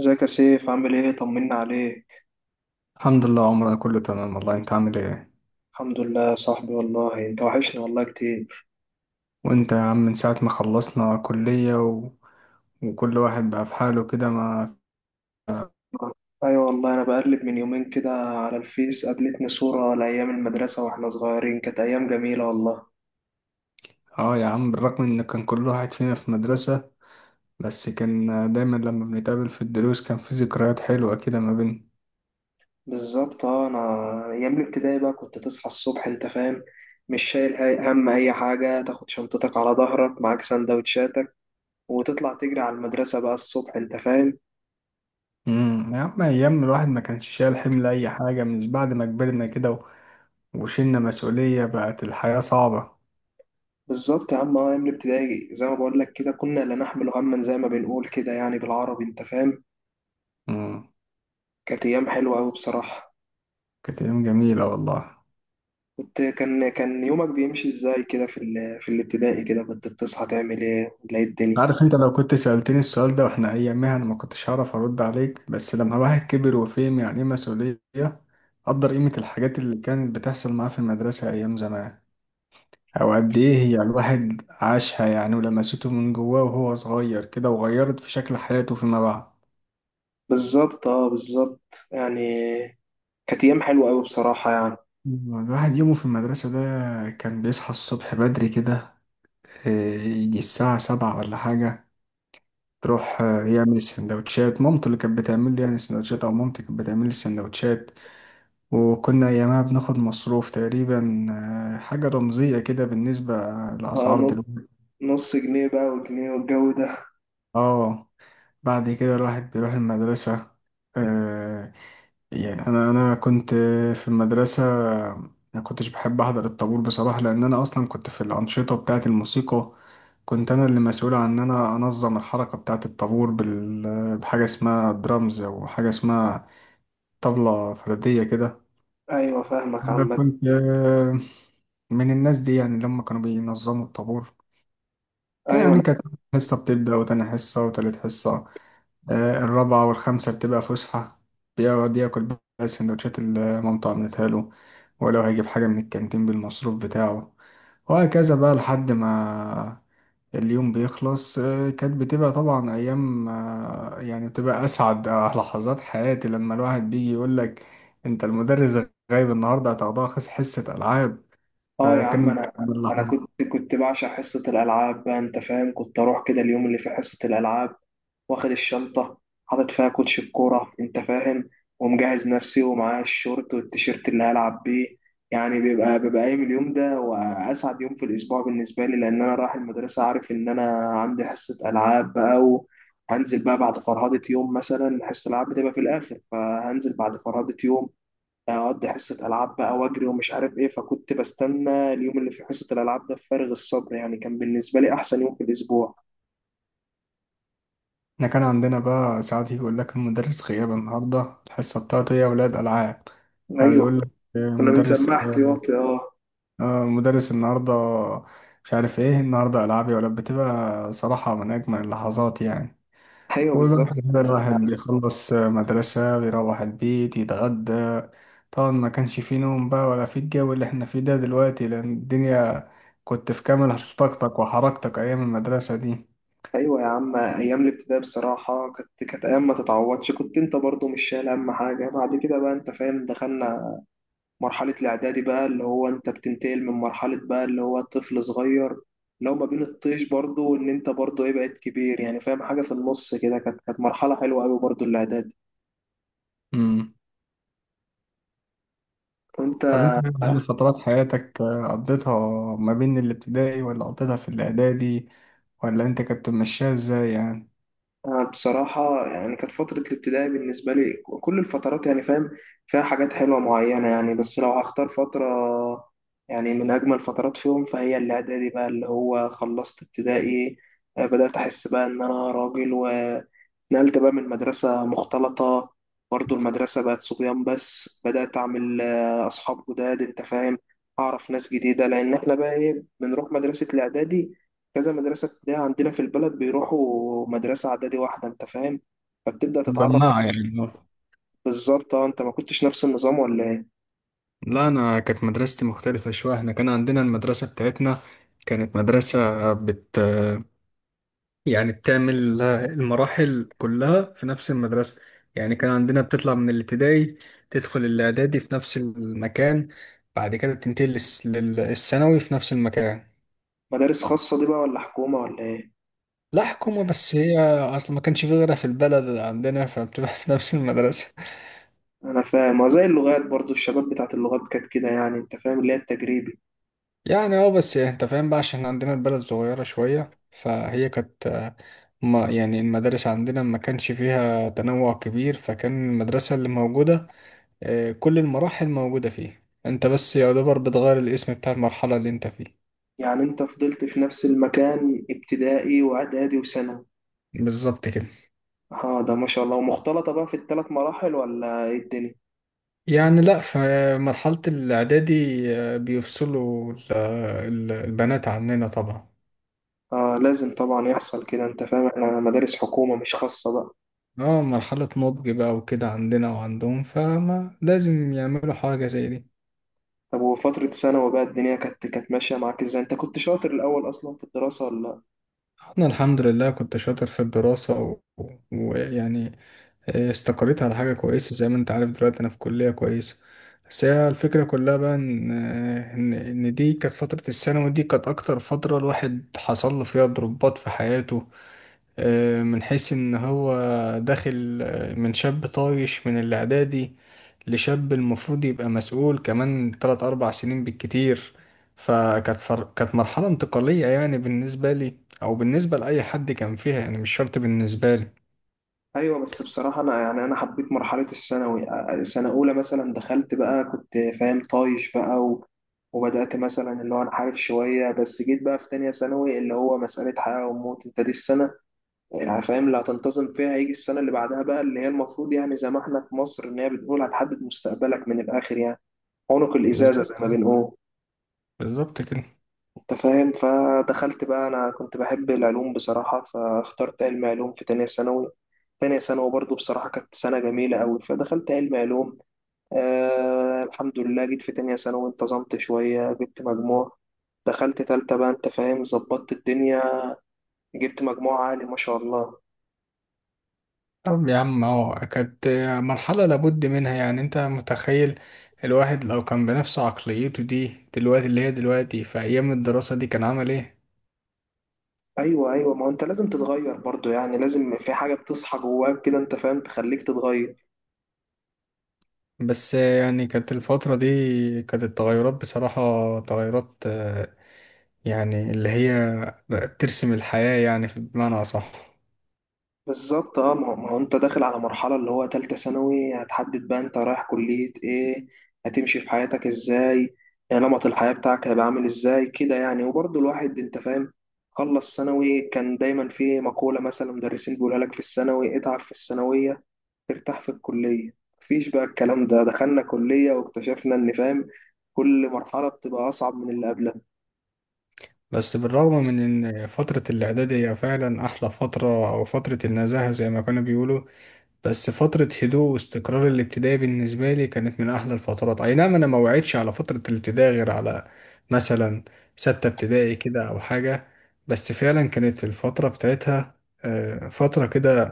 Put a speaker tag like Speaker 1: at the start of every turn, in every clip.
Speaker 1: ازيك يا سيف، عامل ايه؟ طمنا عليك.
Speaker 2: الحمد لله، عمرنا كله تمام والله. انت عامل ايه؟
Speaker 1: الحمد لله يا صاحبي، والله انت وحشني والله كتير.
Speaker 2: وانت يا عم من ساعة ما خلصنا كلية وكل واحد بقى في حاله كده ما.
Speaker 1: ايوه والله، انا بقلب من يومين كده على الفيس، قابلتني صورة لايام المدرسة واحنا صغيرين. كانت ايام جميلة والله.
Speaker 2: اه يا عم، بالرغم ان كان كل واحد فينا في مدرسة، بس كان دايما لما بنتقابل في الدروس كان في ذكريات حلوة كده ما بيننا.
Speaker 1: بالظبط اه، انا ايام الابتدائي بقى كنت تصحى الصبح انت فاهم. مش شايل هم اي حاجة، تاخد شنطتك على ظهرك معاك سندوتشاتك وتطلع تجري على المدرسة بقى الصبح انت فاهم.
Speaker 2: يا عم، ايام الواحد ما كانش شايل حمل اي حاجة، مش بعد ما كبرنا كده وشلنا مسؤولية بقت الحياة صعبة.
Speaker 1: بالظبط يا عم اه، ايام الابتدائي زي ما بقول لك كده كنا لا نحمل هما، زي ما بنقول كده، يعني بالعربي انت فاهم.
Speaker 2: امم
Speaker 1: كانت أيام حلوة أوي بصراحة.
Speaker 2: كانت ايام جميلة والله.
Speaker 1: كنت كان كان يومك بيمشي إزاي كده في في الابتدائي كده؟ كنت بتصحى تعمل إيه ولا إيه الدنيا؟
Speaker 2: عارف انت، لو كنت سألتني السؤال ده واحنا ايامها انا ما كنتش هعرف ارد عليك، بس لما الواحد كبر وفهم يعني ايه مسؤولية قدر قيمة الحاجات اللي كانت بتحصل معاه في المدرسة ايام زمان. او قد ايه هي الواحد عاشها يعني، ولمسته من جواه وهو صغير كده وغيرت في شكل حياته فيما بعد.
Speaker 1: بالظبط أه، بالظبط يعني. كانت أيام حلوة أوي بصراحة يعني.
Speaker 2: الواحد يومه في المدرسة ده كان بيصحى الصبح بدري كده. اه، يجي الساعة 7 ولا حاجة. تروح يعمل السندوتشات مامته اللي كانت بتعمل لي يعني السندوتشات، او مامتي كانت بتعمل لي السندوتشات. وكنا أيامها بناخد مصروف تقريبا، حاجة رمزية كده بالنسبة
Speaker 1: أه،
Speaker 2: لأسعار
Speaker 1: نص
Speaker 2: دلوقتي.
Speaker 1: نص جنيه بقى وجنيه والجو ده.
Speaker 2: اه، بعد كده الواحد بيروح المدرسة. آه يعني أنا كنت في المدرسة، ما كنتش بحب أحضر الطابور بصراحة، لأن أنا أصلا كنت في الأنشطة بتاعة الموسيقى. كنت أنا اللي مسؤول عن إن أنا أنظم الحركة بتاعة الطابور بحاجة اسمها درامز أو حاجة اسمها طبلة فردية كده.
Speaker 1: أيوة فاهمك
Speaker 2: أنا
Speaker 1: عامة.
Speaker 2: كنت من الناس دي، يعني لما كانوا بينظموا الطابور
Speaker 1: أيوة
Speaker 2: يعني
Speaker 1: أنا.
Speaker 2: كانت حصة بتبدأ وتاني حصة وتالت حصة، الرابعة والخامسة بتبقى فسحة. بيقعد ياكل بقى سندوتشات اللي مامته عملتها له، ولو هيجيب حاجة من الكانتين بالمصروف بتاعه. وهكذا بقى لحد ما اليوم بيخلص. كانت بتبقى طبعا أيام، يعني بتبقى أسعد لحظات حياتي لما الواحد بيجي يقولك أنت المدرس غايب النهاردة هتاخدها حصة ألعاب.
Speaker 1: أه يا عم،
Speaker 2: فكان
Speaker 1: أنا كنت بعشق حصة الألعاب بقى أنت فاهم، كنت أروح كده اليوم اللي في حصة الألعاب، واخد الشنطة، حاطط فيها كوتش الكورة انت فاهم، ومجهز نفسي ومعايا الشورت والتيشيرت اللي هلعب بيه. يعني بيبقى قايم اليوم ده وأسعد يوم في الأسبوع بالنسبة لي، لأن أنا رايح المدرسة عارف إن أنا عندي حصة ألعاب بقى. وهنزل بقى بعد فرهدة يوم، مثلا حصة الألعاب بتبقى في الآخر، فهنزل بعد فرهدة يوم، أقضي حصة ألعاب بقى وأجري ومش عارف إيه. فكنت بستنى اليوم اللي في حصة الألعاب ده بفارغ الصبر، يعني كان بالنسبة لي أحسن يوم في الأسبوع.
Speaker 2: احنا كان عندنا بقى ساعات يجي يقول لك المدرس غياب النهارده الحصة بتاعته هي أولاد ألعاب. أو
Speaker 1: أيوه،
Speaker 2: يقول لك
Speaker 1: كنا
Speaker 2: مدرس
Speaker 1: بنسبح ياطي اه.
Speaker 2: مدرس النهارده مش عارف ايه النهارده ألعاب يا ولاد. بتبقى صراحة من أجمل اللحظات يعني.
Speaker 1: ايوه
Speaker 2: وبقى
Speaker 1: بالظبط.
Speaker 2: كده الواحد بيخلص مدرسة بيروح البيت يتغدى. طبعا ما كانش فيه نوم بقى ولا فيه الجو اللي احنا فيه ده دلوقتي، لأن الدنيا كنت في كامل طاقتك وحركتك أيام المدرسة دي.
Speaker 1: ايوه يا عم، ايام الابتدائي بصراحه كانت ايام ما تتعوضش، كنت انت برضو مش شايل اهم حاجه. بعد كده بقى انت فاهم، دخلنا مرحله الاعدادي بقى، اللي هو انت بتنتقل من مرحله بقى اللي هو طفل صغير، اللي هو ما بين الطيش برضو ان انت برضو ايه بقيت كبير، يعني فاهم حاجه في النص كده. كانت مرحله حلوه قوي برضو الاعدادي.
Speaker 2: مم.
Speaker 1: وانت.
Speaker 2: طب انت هل فترات حياتك قضيتها ما بين الابتدائي، ولا قضيتها في الاعدادي، ولا انت كنت ماشيها ازاي يعني؟
Speaker 1: أنا بصراحة يعني كانت فترة الابتدائي بالنسبة لي كل الفترات يعني فاهم، فيها حاجات حلوة معينة يعني. بس لو هختار فترة، يعني من أجمل فترات فيهم، فهي الإعدادي بقى، اللي هو خلصت ابتدائي، بدأت أحس بقى إن أنا راجل، نقلت بقى من مدرسة مختلطة. برضو المدرسة بقت صبيان، بس بدأت أعمل أصحاب جداد أنت فاهم، أعرف ناس جديدة، لأن إحنا بقى إيه بنروح مدرسة الإعدادي. كذا مدرسة ابتدائية عندنا في البلد بيروحوا مدرسة إعدادي واحدة أنت فاهم، فبتبدأ تتعرف.
Speaker 2: بماعة يعني.
Speaker 1: بالظبط أه. أنت ما كنتش نفس النظام ولا إيه؟
Speaker 2: لا، أنا كانت مدرستي مختلفة شوية. إحنا كان عندنا المدرسة بتاعتنا كانت مدرسة بت يعني بتعمل المراحل كلها في نفس المدرسة. يعني كان عندنا بتطلع من الابتدائي تدخل الإعدادي في نفس المكان، بعد كده بتنتقل للثانوي في نفس المكان.
Speaker 1: مدارس خاصة دي بقى ولا حكومة ولا إيه؟
Speaker 2: لا حكومة، بس هي أصلا ما كانش في غيرها في البلد عندنا فبتبقى في نفس المدرسة
Speaker 1: أنا فاهم، وزي اللغات برضو، الشباب بتاعت اللغات كانت كده يعني أنت فاهم، اللي هي التجريبي.
Speaker 2: يعني اه، بس أنت فاهم بقى، عشان عندنا البلد صغيرة شوية، فهي كانت ما يعني المدارس عندنا ما كانش فيها تنوع كبير، فكان المدرسة اللي موجودة كل المراحل موجودة فيه. أنت بس يعتبر بتغير الاسم بتاع المرحلة اللي أنت فيه.
Speaker 1: يعني أنت فضلت في نفس المكان ابتدائي وإعدادي وثانوي.
Speaker 2: بالظبط كده.
Speaker 1: اه ده ما شاء الله، ومختلطة بقى في الثلاث مراحل ولا ايه الدنيا؟
Speaker 2: يعني لا، في مرحلة الإعدادي بيفصلوا البنات عننا طبعا.
Speaker 1: اه لازم طبعا يحصل كده انت فاهم، احنا مدارس حكومة مش خاصة بقى.
Speaker 2: اه، مرحلة نضج بقى وكده عندنا وعندهم، فما لازم يعملوا حاجة زي دي.
Speaker 1: طب وفترة ثانوي بقى الدنيا كانت ماشية معاك ازاي؟ انت كنت شاطر الأول أصلا في الدراسة ولا لأ؟
Speaker 2: انا الحمد لله كنت شاطر في الدراسة ويعني استقريت على حاجة كويسة زي ما انت عارف. دلوقتي انا في كلية كويسة. بس هي الفكرة كلها بقى ان آه، ان إن دي كانت فترة الثانوي. دي كانت اكتر فترة الواحد حصل له فيها ضربات في حياته. من حيث ان هو داخل من شاب طايش من الاعدادي لشاب المفروض يبقى مسؤول، كمان 3 4 سنين بالكتير. كانت مرحلة انتقالية يعني بالنسبة لي، او بالنسبة لأي حد كان فيها، يعني مش شرط بالنسبة لي.
Speaker 1: أيوه، بس بصراحة أنا يعني أنا حبيت مرحلة الثانوي. سنة أولى مثلا دخلت بقى كنت فاهم طايش بقى وبدأت مثلا اللي هو أنحرف شوية، بس جيت بقى في تانية ثانوي اللي هو مسألة حياة وموت، انت دي السنة يعني فاهم اللي هتنتظم فيها، هيجي السنة اللي بعدها بقى اللي هي المفروض، يعني زي ما احنا في مصر ان هي بتقول هتحدد مستقبلك من الآخر يعني، عنق
Speaker 2: بالظبط.
Speaker 1: الإزازة زي ما بنقول.
Speaker 2: بالظبط كده.
Speaker 1: انت فاهم، فدخلت بقى، انا كنت بحب العلوم بصراحة، فاخترت علم علوم في تانية ثانوي. تانية ثانوي برضو بصراحة كانت سنة جميلة أوي، فدخلت علم علوم. الحمد لله جيت في تانية ثانوي، انتظمت شوية، جبت مجموع، دخلت تالتة بقى انت فاهم، ظبطت الدنيا، جبت مجموع عالي ما شاء الله.
Speaker 2: طب يا عم، اهو كانت مرحلة لابد منها. يعني انت متخيل الواحد لو كان بنفس عقليته دي دلوقتي اللي هي دلوقتي في ايام الدراسة دي كان عمل ايه؟
Speaker 1: ايوه، ايوه، ما هو انت لازم تتغير برضو يعني، لازم في حاجه بتصحى جواك كده انت فاهم، تخليك تتغير.
Speaker 2: بس يعني كانت الفترة دي كانت التغيرات بصراحة تغيرات، يعني اللي هي بقت ترسم الحياة يعني، في بمعنى أصح.
Speaker 1: بالظبط اه، ما هو انت داخل على مرحله اللي هو تالتة ثانوي، هتحدد بقى انت رايح كليه ايه، هتمشي في حياتك ازاي، نمط الحياه بتاعك هيبقى عامل ازاي كده يعني. وبرضو الواحد انت فاهم، خلص ثانوي كان دايما في مقوله مثلا مدرسين بيقولها لك في الثانوي، اتعب في الثانويه ترتاح في الكليه. مفيش بقى الكلام ده، دخلنا كليه واكتشفنا ان فاهم كل مرحله بتبقى اصعب من اللي قبلها.
Speaker 2: بس بالرغم من إن فترة الإعدادية فعلا أحلى فترة، أو فترة النزاهة زي ما كانوا بيقولوا، بس فترة هدوء واستقرار الابتدائي بالنسبة لي كانت من أحلى الفترات. أي نعم، أنا ما وعدتش على فترة الابتدائي غير على مثلا ستة ابتدائي كده أو حاجة. بس فعلا كانت الفترة بتاعتها فترة كده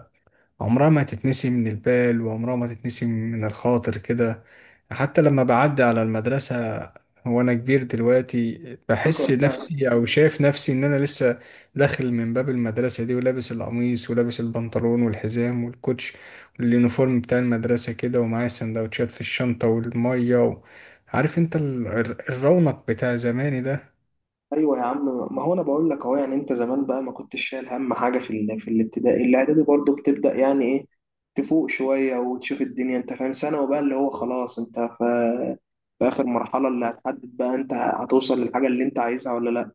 Speaker 2: عمرها ما تتنسي من البال، وعمرها ما تتنسي من الخاطر كده. حتى لما بعدي على المدرسة وأنا كبير دلوقتي، بحس
Speaker 1: فاكر بقى.
Speaker 2: نفسي أو شايف نفسي إن أنا لسه داخل من باب المدرسة دي، ولابس القميص ولابس البنطلون والحزام والكوتش واليونيفورم بتاع المدرسة كده، ومعايا سندوتشات في الشنطة والمية عارف أنت الرونق بتاع زماني ده.
Speaker 1: ايوه يا عم، ما هو انا بقول لك اهو، يعني انت زمان بقى ما كنتش شايل هم حاجه في الابتدائي. الاعدادي برضه بتبدا، يعني ايه، تفوق شويه وتشوف الدنيا انت فاهم. ثانوي بقى اللي هو خلاص، انت في اخر مرحله اللي هتحدد بقى انت هتوصل للحاجه اللي انت عايزها ولا لا،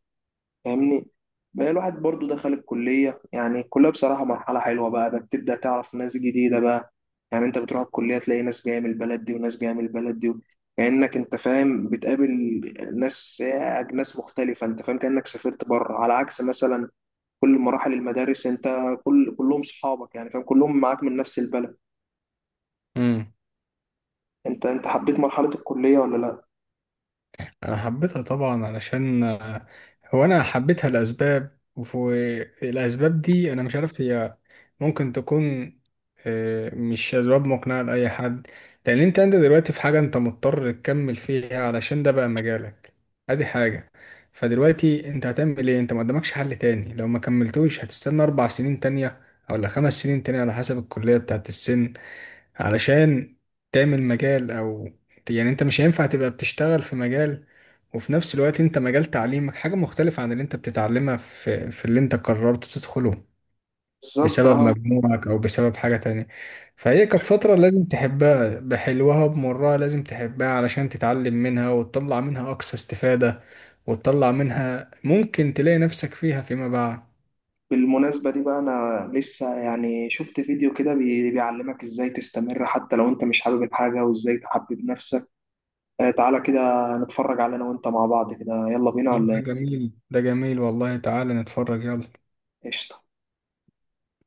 Speaker 1: فاهمني. بقى الواحد برضو دخل الكلية، يعني الكلية بصراحة مرحلة حلوة بقى، ده بتبدأ تعرف ناس جديدة بقى. يعني انت بتروح الكلية تلاقي ناس جاية من البلد دي وناس جاية من البلد دي. كأنك انت فاهم بتقابل ناس ناس مختلفة انت فاهم. كأنك سافرت بره، على عكس مثلا كل مراحل المدارس، انت كلهم صحابك يعني فاهم، كلهم معاك من نفس البلد.
Speaker 2: مم.
Speaker 1: انت حبيت مرحلة الكلية ولا لا؟
Speaker 2: انا حبيتها طبعا علشان هو انا حبيتها لاسباب، والاسباب دي انا مش عارف، هي ممكن تكون مش اسباب مقنعه لاي حد. لان انت دلوقتي في حاجه انت مضطر تكمل فيها علشان ده بقى مجالك. ادي حاجه. فدلوقتي انت هتعمل ايه؟ انت ما قدامكش حل تاني. لو ما كملتوش هتستنى 4 سنين تانية ولا 5 سنين تانية على حسب الكليه بتاعت السن، علشان تعمل مجال. او يعني انت مش هينفع تبقى بتشتغل في مجال وفي نفس الوقت انت مجال تعليمك حاجة مختلفة عن اللي انت بتتعلمها في, في اللي انت قررت تدخله
Speaker 1: بالظبط
Speaker 2: بسبب
Speaker 1: اه.
Speaker 2: مجموعك او بسبب حاجة تانية. فهي كانت فترة لازم تحبها بحلوها بمرها، لازم تحبها علشان تتعلم منها وتطلع منها اقصى استفادة، وتطلع منها ممكن تلاقي نفسك فيها فيما بعد.
Speaker 1: بالمناسبة دي بقى أنا لسه يعني شفت فيديو كده بيعلمك إزاي تستمر حتى لو أنت مش حابب الحاجة وإزاي تحبب نفسك. تعالى كده نتفرج على، أنا وأنت مع بعض كده، يلا بينا
Speaker 2: طب
Speaker 1: ولا
Speaker 2: ده
Speaker 1: إيه؟
Speaker 2: جميل، ده جميل والله، تعالى نتفرج، يلا.
Speaker 1: قشطة.